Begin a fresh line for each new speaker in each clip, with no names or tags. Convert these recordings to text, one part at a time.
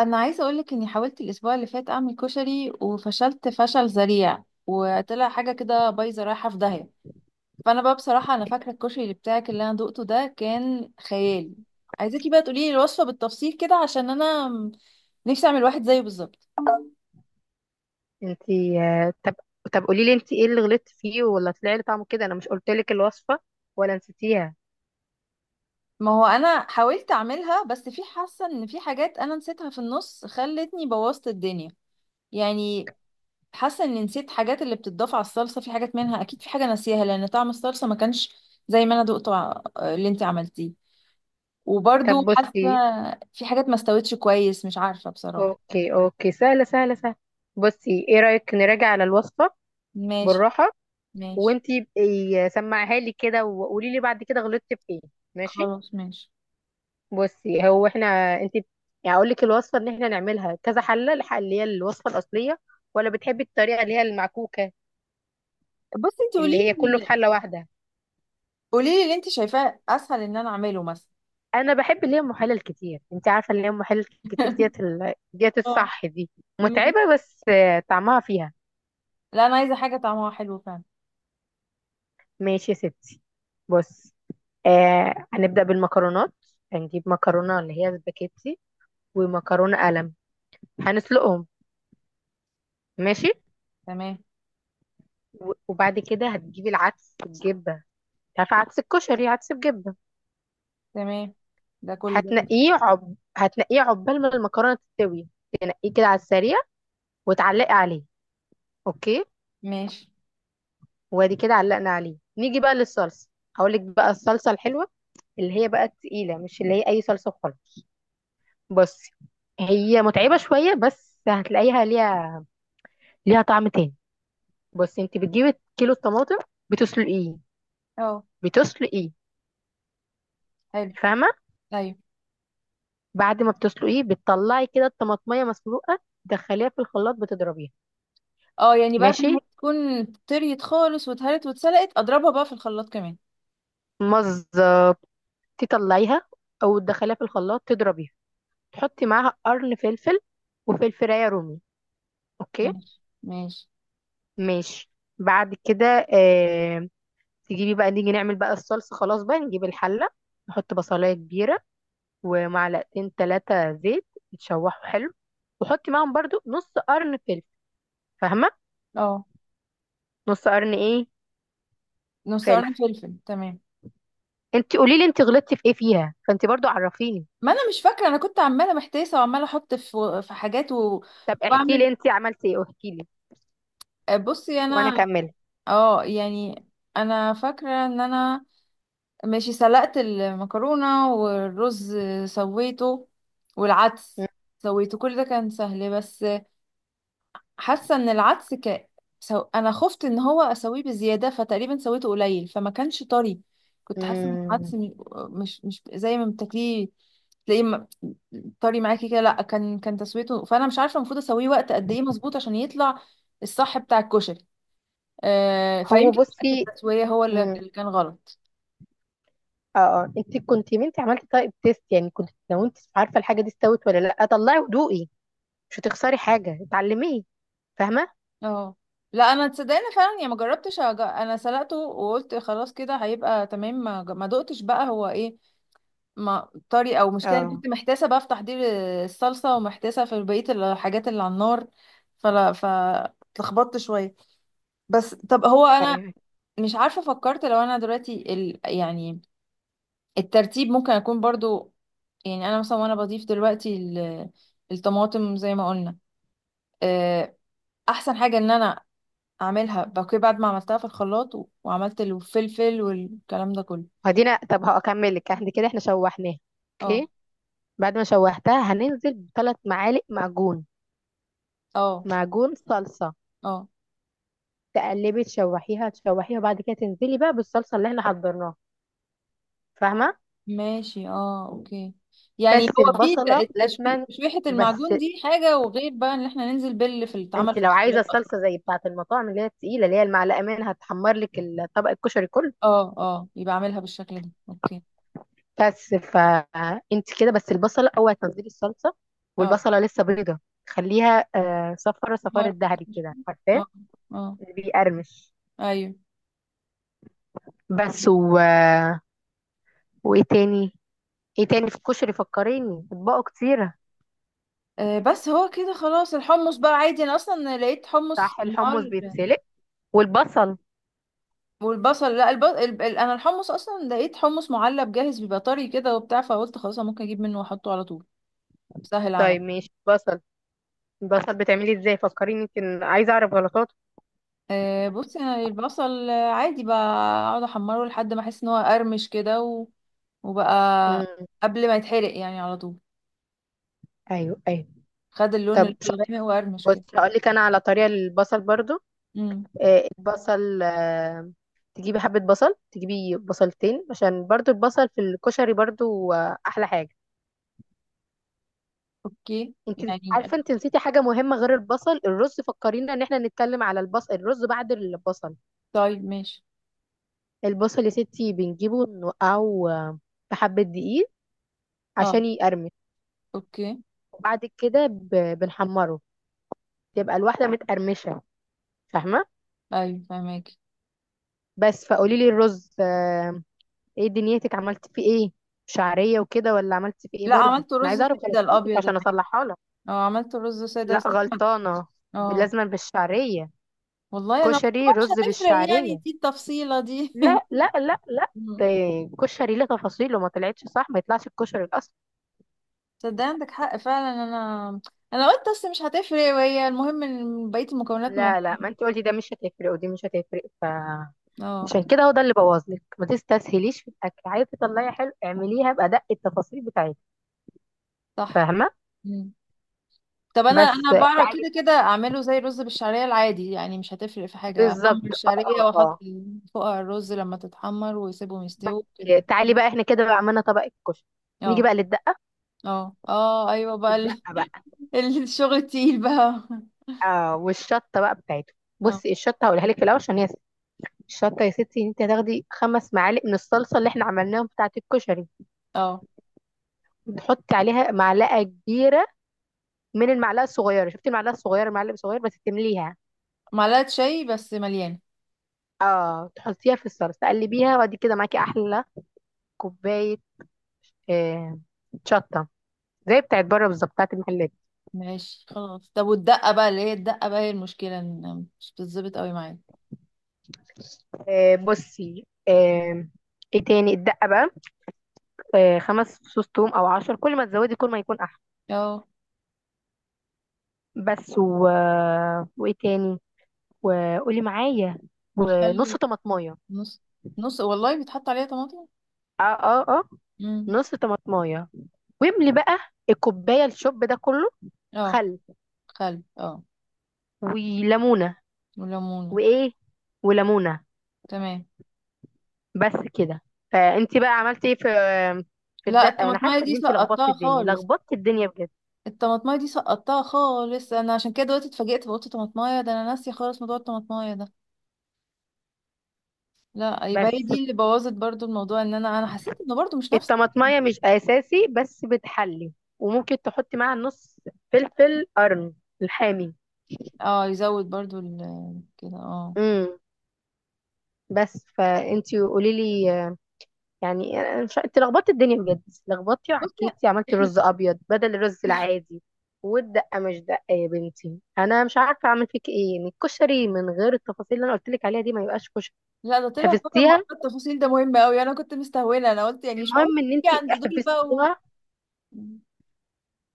انا عايزه اقولك اني حاولت الاسبوع اللي فات اعمل كشري وفشلت فشل ذريع وطلع حاجه كده بايظه رايحه في داهيه. فانا بقى بصراحه انا فاكره الكشري اللي بتاعك اللي انا دقته ده كان خيالي. عايزاكي بقى تقولي لي الوصفه بالتفصيل كده عشان انا نفسي اعمل واحد زيه بالظبط.
انتي، طب طب قولي لي انتي ايه اللي غلطتي فيه ولا طلع لي طعمه كده؟ انا مش قلت لك الوصفه ولا نسيتيها؟
ما هو انا حاولت اعملها بس في حاسه ان في حاجات انا نسيتها في النص خلتني بوظت الدنيا يعني. حاسه اني نسيت حاجات اللي بتضاف على الصلصه، في حاجات منها اكيد، في حاجه ناسيها لان طعم الصلصه ما كانش زي ما انا دقته اللي انت عملتيه. وبرضو
طب
حاسه
بصي.
في حاجات ما استوتش كويس، مش عارفه بصراحه.
اوكي، اوكي، سهله سهله سهله. بصي، ايه رايك نراجع على الوصفه
ماشي.
بالراحه؟
ماشي
وانتي بقي سمعها لي كده، وقولي لي بعد كده غلطتي في ايه. ماشي.
خلاص. ماشي
بصي، هو احنا انتي يعني اقول لك الوصفه ان احنا نعملها كذا حله، الحله اللي هي الوصفه الاصليه، ولا بتحبي الطريقه اللي هي المعكوكه
بصي انت قولي
اللي هي كله في
لي.
حله واحده؟
قولي لي اللي انت شايفاه اسهل ان انا اعمله مثلا.
انا بحب اللي هي محلل كتير، انت عارفه، اللي هي محلل كتير، ديت
اه.
الصح دي.
ماشي.
متعبه، بس طعمها فيها.
لا انا عايزه حاجه طعمها حلو فعلا.
ماشي يا ستي. بص، هنبدا بالمكرونات. هنجيب مكرونه اللي هي سباكيتي، ومكرونه قلم، هنسلقهم. ماشي.
تمام.
وبعد كده هتجيبي العدس الجبه، انت عارفه عدس الكشري، عدس بجبه.
تمام ده كل ده.
هتنقيه عقبال ما المكرونه تستوي، تنقيه كده على السريع، وتعلقي عليه. اوكي.
ماشي.
وادي كده علقنا عليه، نيجي بقى للصلصه. هقول لك بقى الصلصه الحلوه، اللي هي بقى التقيله، مش اللي هي اي صلصه وخلاص. بصي، هي متعبه شويه، بس هتلاقيها ليها طعم تاني. بصي، انت بتجيبي كيلو الطماطم، بتسلقيه،
اه
بتسلقيه.
حلو.
فاهمه؟
ايوه.
بعد ما بتسلقيه بتطلعي كده الطماطميه مسلوقه، تدخليها في الخلاط بتضربيها.
اه يعني بعد ما
ماشي،
هي تكون طريت خالص واتهرت واتسلقت اضربها بقى في الخلاط كمان.
مزه، تطلعيها او تدخليها في الخلاط تضربيها، تحطي معاها قرن فلفل وفلفلايه رومي. اوكي،
ماشي. ماشي.
ماشي. بعد كده آه تجيبي بقى، نيجي نعمل بقى الصلصة، خلاص بقى نجيب الحلة. نحط بصلاية كبيرة ومعلقتين ثلاثة زيت، يتشوحوا حلو. وحطي معاهم برضو نص قرن فلفل. فاهمة؟
اه
نص قرن ايه؟
نص قرن
فلفل.
فلفل تمام.
انت قولي لي، انت غلطتي في ايه فيها، فانت برضو عرفيني.
ما انا مش فاكره، انا كنت عماله محتاسه وعماله احط في حاجات و...
طب احكي
واعمل.
لي انت عملتي ايه، واحكي لي
بصي
وانا
انا.
اكمل.
اه يعني. انا فاكره ان انا ماشي سلقت المكرونه والرز. سويته والعدس. سويته كل ده كان سهل بس. حاسه ان العدس انا خفت ان هو اسويه بزياده فتقريبا سويته قليل فما كانش طري. كنت حاسه ان العدس
مم.
مش زي ما بتاكليه. تلاقيه طري معاكي كده، لا كان تسويته. فانا مش عارفه المفروض اسويه وقت قد ايه مظبوط عشان يطلع الصح بتاع الكشري. آه
هو
فيمكن وقت
بصي.
التسويه هو اللي
مم.
اللي كان غلط.
اه اه، انت كنت ما انت عملتي طيب تيست يعني، كنت لو انت مش عارفه الحاجه دي استوت ولا لا، طلعي ودوقي. مش هتخسري حاجة، اتعلميه. فاهمة؟
اه لا انا تصدقني فعلا يعني ما جربتش انا سلقته وقلت خلاص كده هيبقى تمام ما دقتش بقى هو ايه ما طري او مشكله. أنا
اه،
كنت محتاسه بقى في تحضير الصلصه ومحتاسه في بقيه الحاجات اللي على النار، فلا فاتلخبطت شويه. بس طب هو انا
ايوه.
مش عارفه، فكرت لو انا دلوقتي يعني الترتيب ممكن اكون برضو، يعني انا مثلا وانا بضيف دلوقتي الطماطم زي ما قلنا. آه، احسن حاجه ان انا اعملها بقى بعد ما عملتها في الخلاط وعملت الفلفل والكلام ده كله.
هدينا، طب هكمل لك، احنا كده احنا شوحناها.
اه
اوكي. بعد ما شوحتها هننزل بثلاث معالق معجون،
اه
معجون صلصة.
اه
تقلبي، تشوحيها تشوحيها، وبعد كده تنزلي بقى بالصلصة اللي احنا حضرناها. فاهمة؟
ماشي اه اوكي. يعني
بس
هو في
البصلة
التشويح،
لازما.
تشويحة
بس
المعجون دي حاجة، وغير بقى ان احنا ننزل في التعمل
انت
في
لو عايزة
الخلاط اصلا.
الصلصة زي بتاعة المطاعم اللي هي التقيلة، اللي هي المعلقة منها تحمر لك طبق الكشري كله.
اه اه يبقى اعملها بالشكل ده اوكي.
بس فانت كده، بس البصلة اوعي تنزلي الصلصة
اه
والبصلة لسه بيضة. خليها صفرة،
مر-
صفارة ذهبي كده، عارفاه،
اه اه
اللي بيقرمش.
ايوه.
بس وايه تاني، ايه تاني في الكشري فكريني، اطباقه كتيرة.
آه بس هو كده خلاص، الحمص بقى عادي، انا اصلا لقيت حمص
صح، الحمص
النهار.
بيتسلق، والبصل.
والبصل، لا انا الحمص اصلا لقيت حمص معلب جاهز بيبقى طري كده وبتاع، فقلت خلاص أنا ممكن اجيب منه واحطه على طول سهل على.
طيب ماشي، البصل بتعملي ازاي؟ فكريني، يمكن عايزة اعرف غلطاته.
آه، بصي انا البصل، آه، عادي بقى. اقعد احمره لحد ما احس ان هو قرمش كده وبقى
امم
قبل ما يتحرق يعني، على طول
ايوه، ايوه،
خد اللون
طب
اللي هو
شاطر.
الغامق وقرمش
بص
كده.
هقول لك انا على طريقة البصل برضو.
امم.
البصل، تجيبي حبة بصل، تجيبي بصلتين عشان برضو البصل في الكشري برضو أحلى حاجة.
اوكي
انت
يعني.
عارفة، انت نسيتي حاجة مهمة غير البصل، الرز. فكرينا ان احنا نتكلم على البصل، الرز بعد البصل.
طيب ماشي.
البصل يا ستي، بنجيبه نوقعه في حبة دقيق
اه
عشان يقرمش.
اوكي.
وبعد كده بنحمره، تبقى الواحدة متقرمشة. فاهمة؟
ايوه فهماكي.
بس فقولي لي، الرز ايه دنيتك عملتي فيه ايه، شعرية وكده، ولا عملتي فيه ايه؟
لا
برضو
عملت
انا
رز
عايزة اعرف
ساده
غلطاتك
الابيض
عشان
العادي.
اصلحها لك.
اه عملت رز ساده
لا،
ساده.
غلطانة،
اه
لازما بالشعرية.
والله انا قلت
كشري
بقى مش
رز
هتفرق، يعني
بالشعرية.
دي التفصيله دي؟
لا لا لا لا، ده
مم.
كشري ليه تفاصيله، ما طلعتش صح ما يطلعش الكشري الأصل.
تصدقي عندك حق فعلا، انا قلت بس مش هتفرق، وهي المهم ان بقيه المكونات
لا لا،
موجوده.
ما انت قلتي ده مش هتفرق ودي مش هتفرق،
اه
عشان كده هو ده اللي بوظلك، ما تستسهليش في الأكل، عايزة تطلعي حلو اعمليها بأدق التفاصيل بتاعتها.
صح.
فاهمة؟
مم. طب انا
بس
انا بعرف
تعالي،
كده كده اعمله زي الرز بالشعريه العادي، يعني مش هتفرق في حاجه،
بالظبط
احمر
اه
الشعريه
اه
واحط
اه،
فوقها الرز لما تتحمر واسيبهم
بس
يستووا كده.
تعالي بقى، احنا كده بقى عملنا طبق الكشري، نيجي
اه
بقى للدقة.
اه اه ايوه بقى
الدقة بقى.
الشغل التقيل بقى.
اه، والشطه بقى بتاعته.
اه
بصي، الشطه هقولها لك في الاول عشان هي، الشطه يا ستي انت هتاخدي خمس معالق من الصلصه اللي احنا عملناهم بتاعه الكشري.
اه
تحطي عليها معلقه كبيره من المعلقه الصغيره، شفتي المعلقه الصغيره، معلقه صغير بس تمليها.
معلقه شاي بس مليانه.
اه، تحطيها في الصلصه تقلبيها، وادي كده معاكي احلى كوبايه آه شطه، زي بتاعت بره بالظبط، بتاعت المحلات.
ماشي خلاص. طب والدقه بقى، اللي هي الدقه بقى هي المشكله، إن مش بتظبط قوي معايا.
بصي، ايه تاني؟ الدقه بقى. خمس فصوص توم او عشر، كل ما تزودي كل ما يكون احلى.
اه
بس و... آه، وايه تاني؟ وقولي معايا، ونص
والخل.
طماطمايه.
نص؟ نص والله بيتحط عليها طماطم؟
اه اه اه،
امم.
نص طماطمايه. واملي بقى الكوبايه الشوب ده كله.
اه
خل،
خل اه.
وليمونه.
وليمون.
وايه؟ وليمونه.
تمام.
بس كده. فانتي بقى عملتي ايه في
لا
الدقه؟ انا
الطماطمايه
حاسه
دي
ان انتي لخبطتي
سقطتها
الدنيا
خالص.
لخبطتي الدنيا بجد.
الطماطمايه دي سقطتها خالص انا، عشان كده دلوقتي اتفاجئت فقلت طماطمايه، ده انا ناسيه خالص موضوع الطماطمايه ده. لا يبقى
بس
هي دي اللي بوظت برضو الموضوع، ان انا حسيت انه برضو مش نفس.
الطماطمايه مش اساسي بس بتحلي، وممكن تحطي معاها نص فلفل قرن الحامي.
اه يزود برضو كده اه.
امم بس فانتي قولي لي، يعني أنا مش، انت لخبطت الدنيا بجد، لخبطتي
بصي
وعكيتي، عملتي
إحنا-
رز ابيض بدل الرز العادي. والدقه مش دقه، يا بنتي انا مش عارفه اعمل فيك ايه، ان الكشري من غير التفاصيل اللي انا قلت لك عليها دي ما يبقاش كشري.
لا ده طلع فعلا
حفظتيها.
موضوع التفاصيل ده مهم قوي، انا كنت مستهونه، انا قلت يعني مش معقول
المهم ان انت
تيجي عند دول بقى و...
حفظتيها،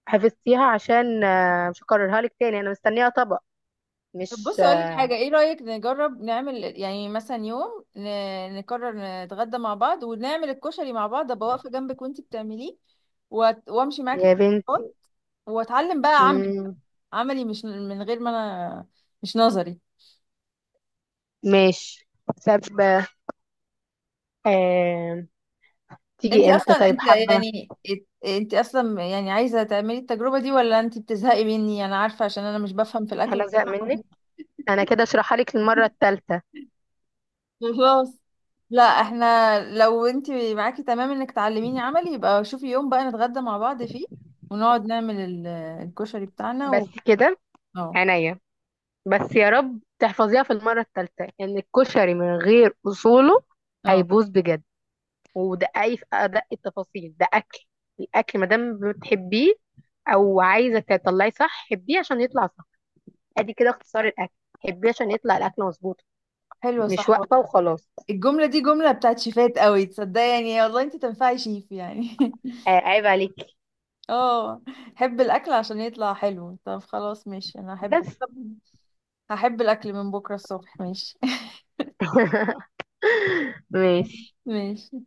حفظتيها عشان مش هكررها لك تاني، انا مستنيه طبق.
طب
مش
بص اقول لك حاجه، ايه رايك نجرب نعمل يعني مثلا يوم نقرر نتغدى مع بعض ونعمل الكشري مع بعض، ابقى واقفه جنبك وانتي بتعمليه وامشي معاكي
يا
في الخطوات،
بنتي.
واتعلم بقى عملي،
مم،
عملي مش من غير ما انا، مش نظري.
ماشي. سبة. آه.
انت
تيجي امتى
اصلا
طيب،
انت
حبه.
يعني انت اصلا يعني عايزه تعملي التجربه دي ولا انت بتزهقي مني؟ انا عارفه عشان انا مش بفهم في الاكل
انا زهق
بسرعه.
منك، انا كده اشرحها لك المره الثالثه.
خلاص. لا احنا لو انت معاكي تمام انك تعلميني عملي، يبقى شوفي يوم بقى نتغدى مع بعض فيه ونقعد نعمل الكشري بتاعنا و...
بس كده،
اه
عينيا. بس يا رب تحفظيها في المرة الثالثة، ان الكشري من غير اصوله
اه.
هيبوظ بجد. ودققي في ادق التفاصيل، ده اكل، الاكل ما دام بتحبيه او عايزه تطلعي صح، حبيه عشان يطلع صح. ادي كده اختصار الاكل، حبيه عشان يطلع الاكل مظبوط،
حلوة
مش
صح والله.
واقفه وخلاص.
الجملة دي جملة بتاعت شيفات قوي، تصدقي يعني والله انت تنفعي شيف يعني.
عيب عليكي
اه. حب الاكل عشان يطلع حلو. طب خلاص ماشي، انا احب.
بس.
طب هحب الاكل من بكرة الصبح ماشي.
ماشي.
ماشي.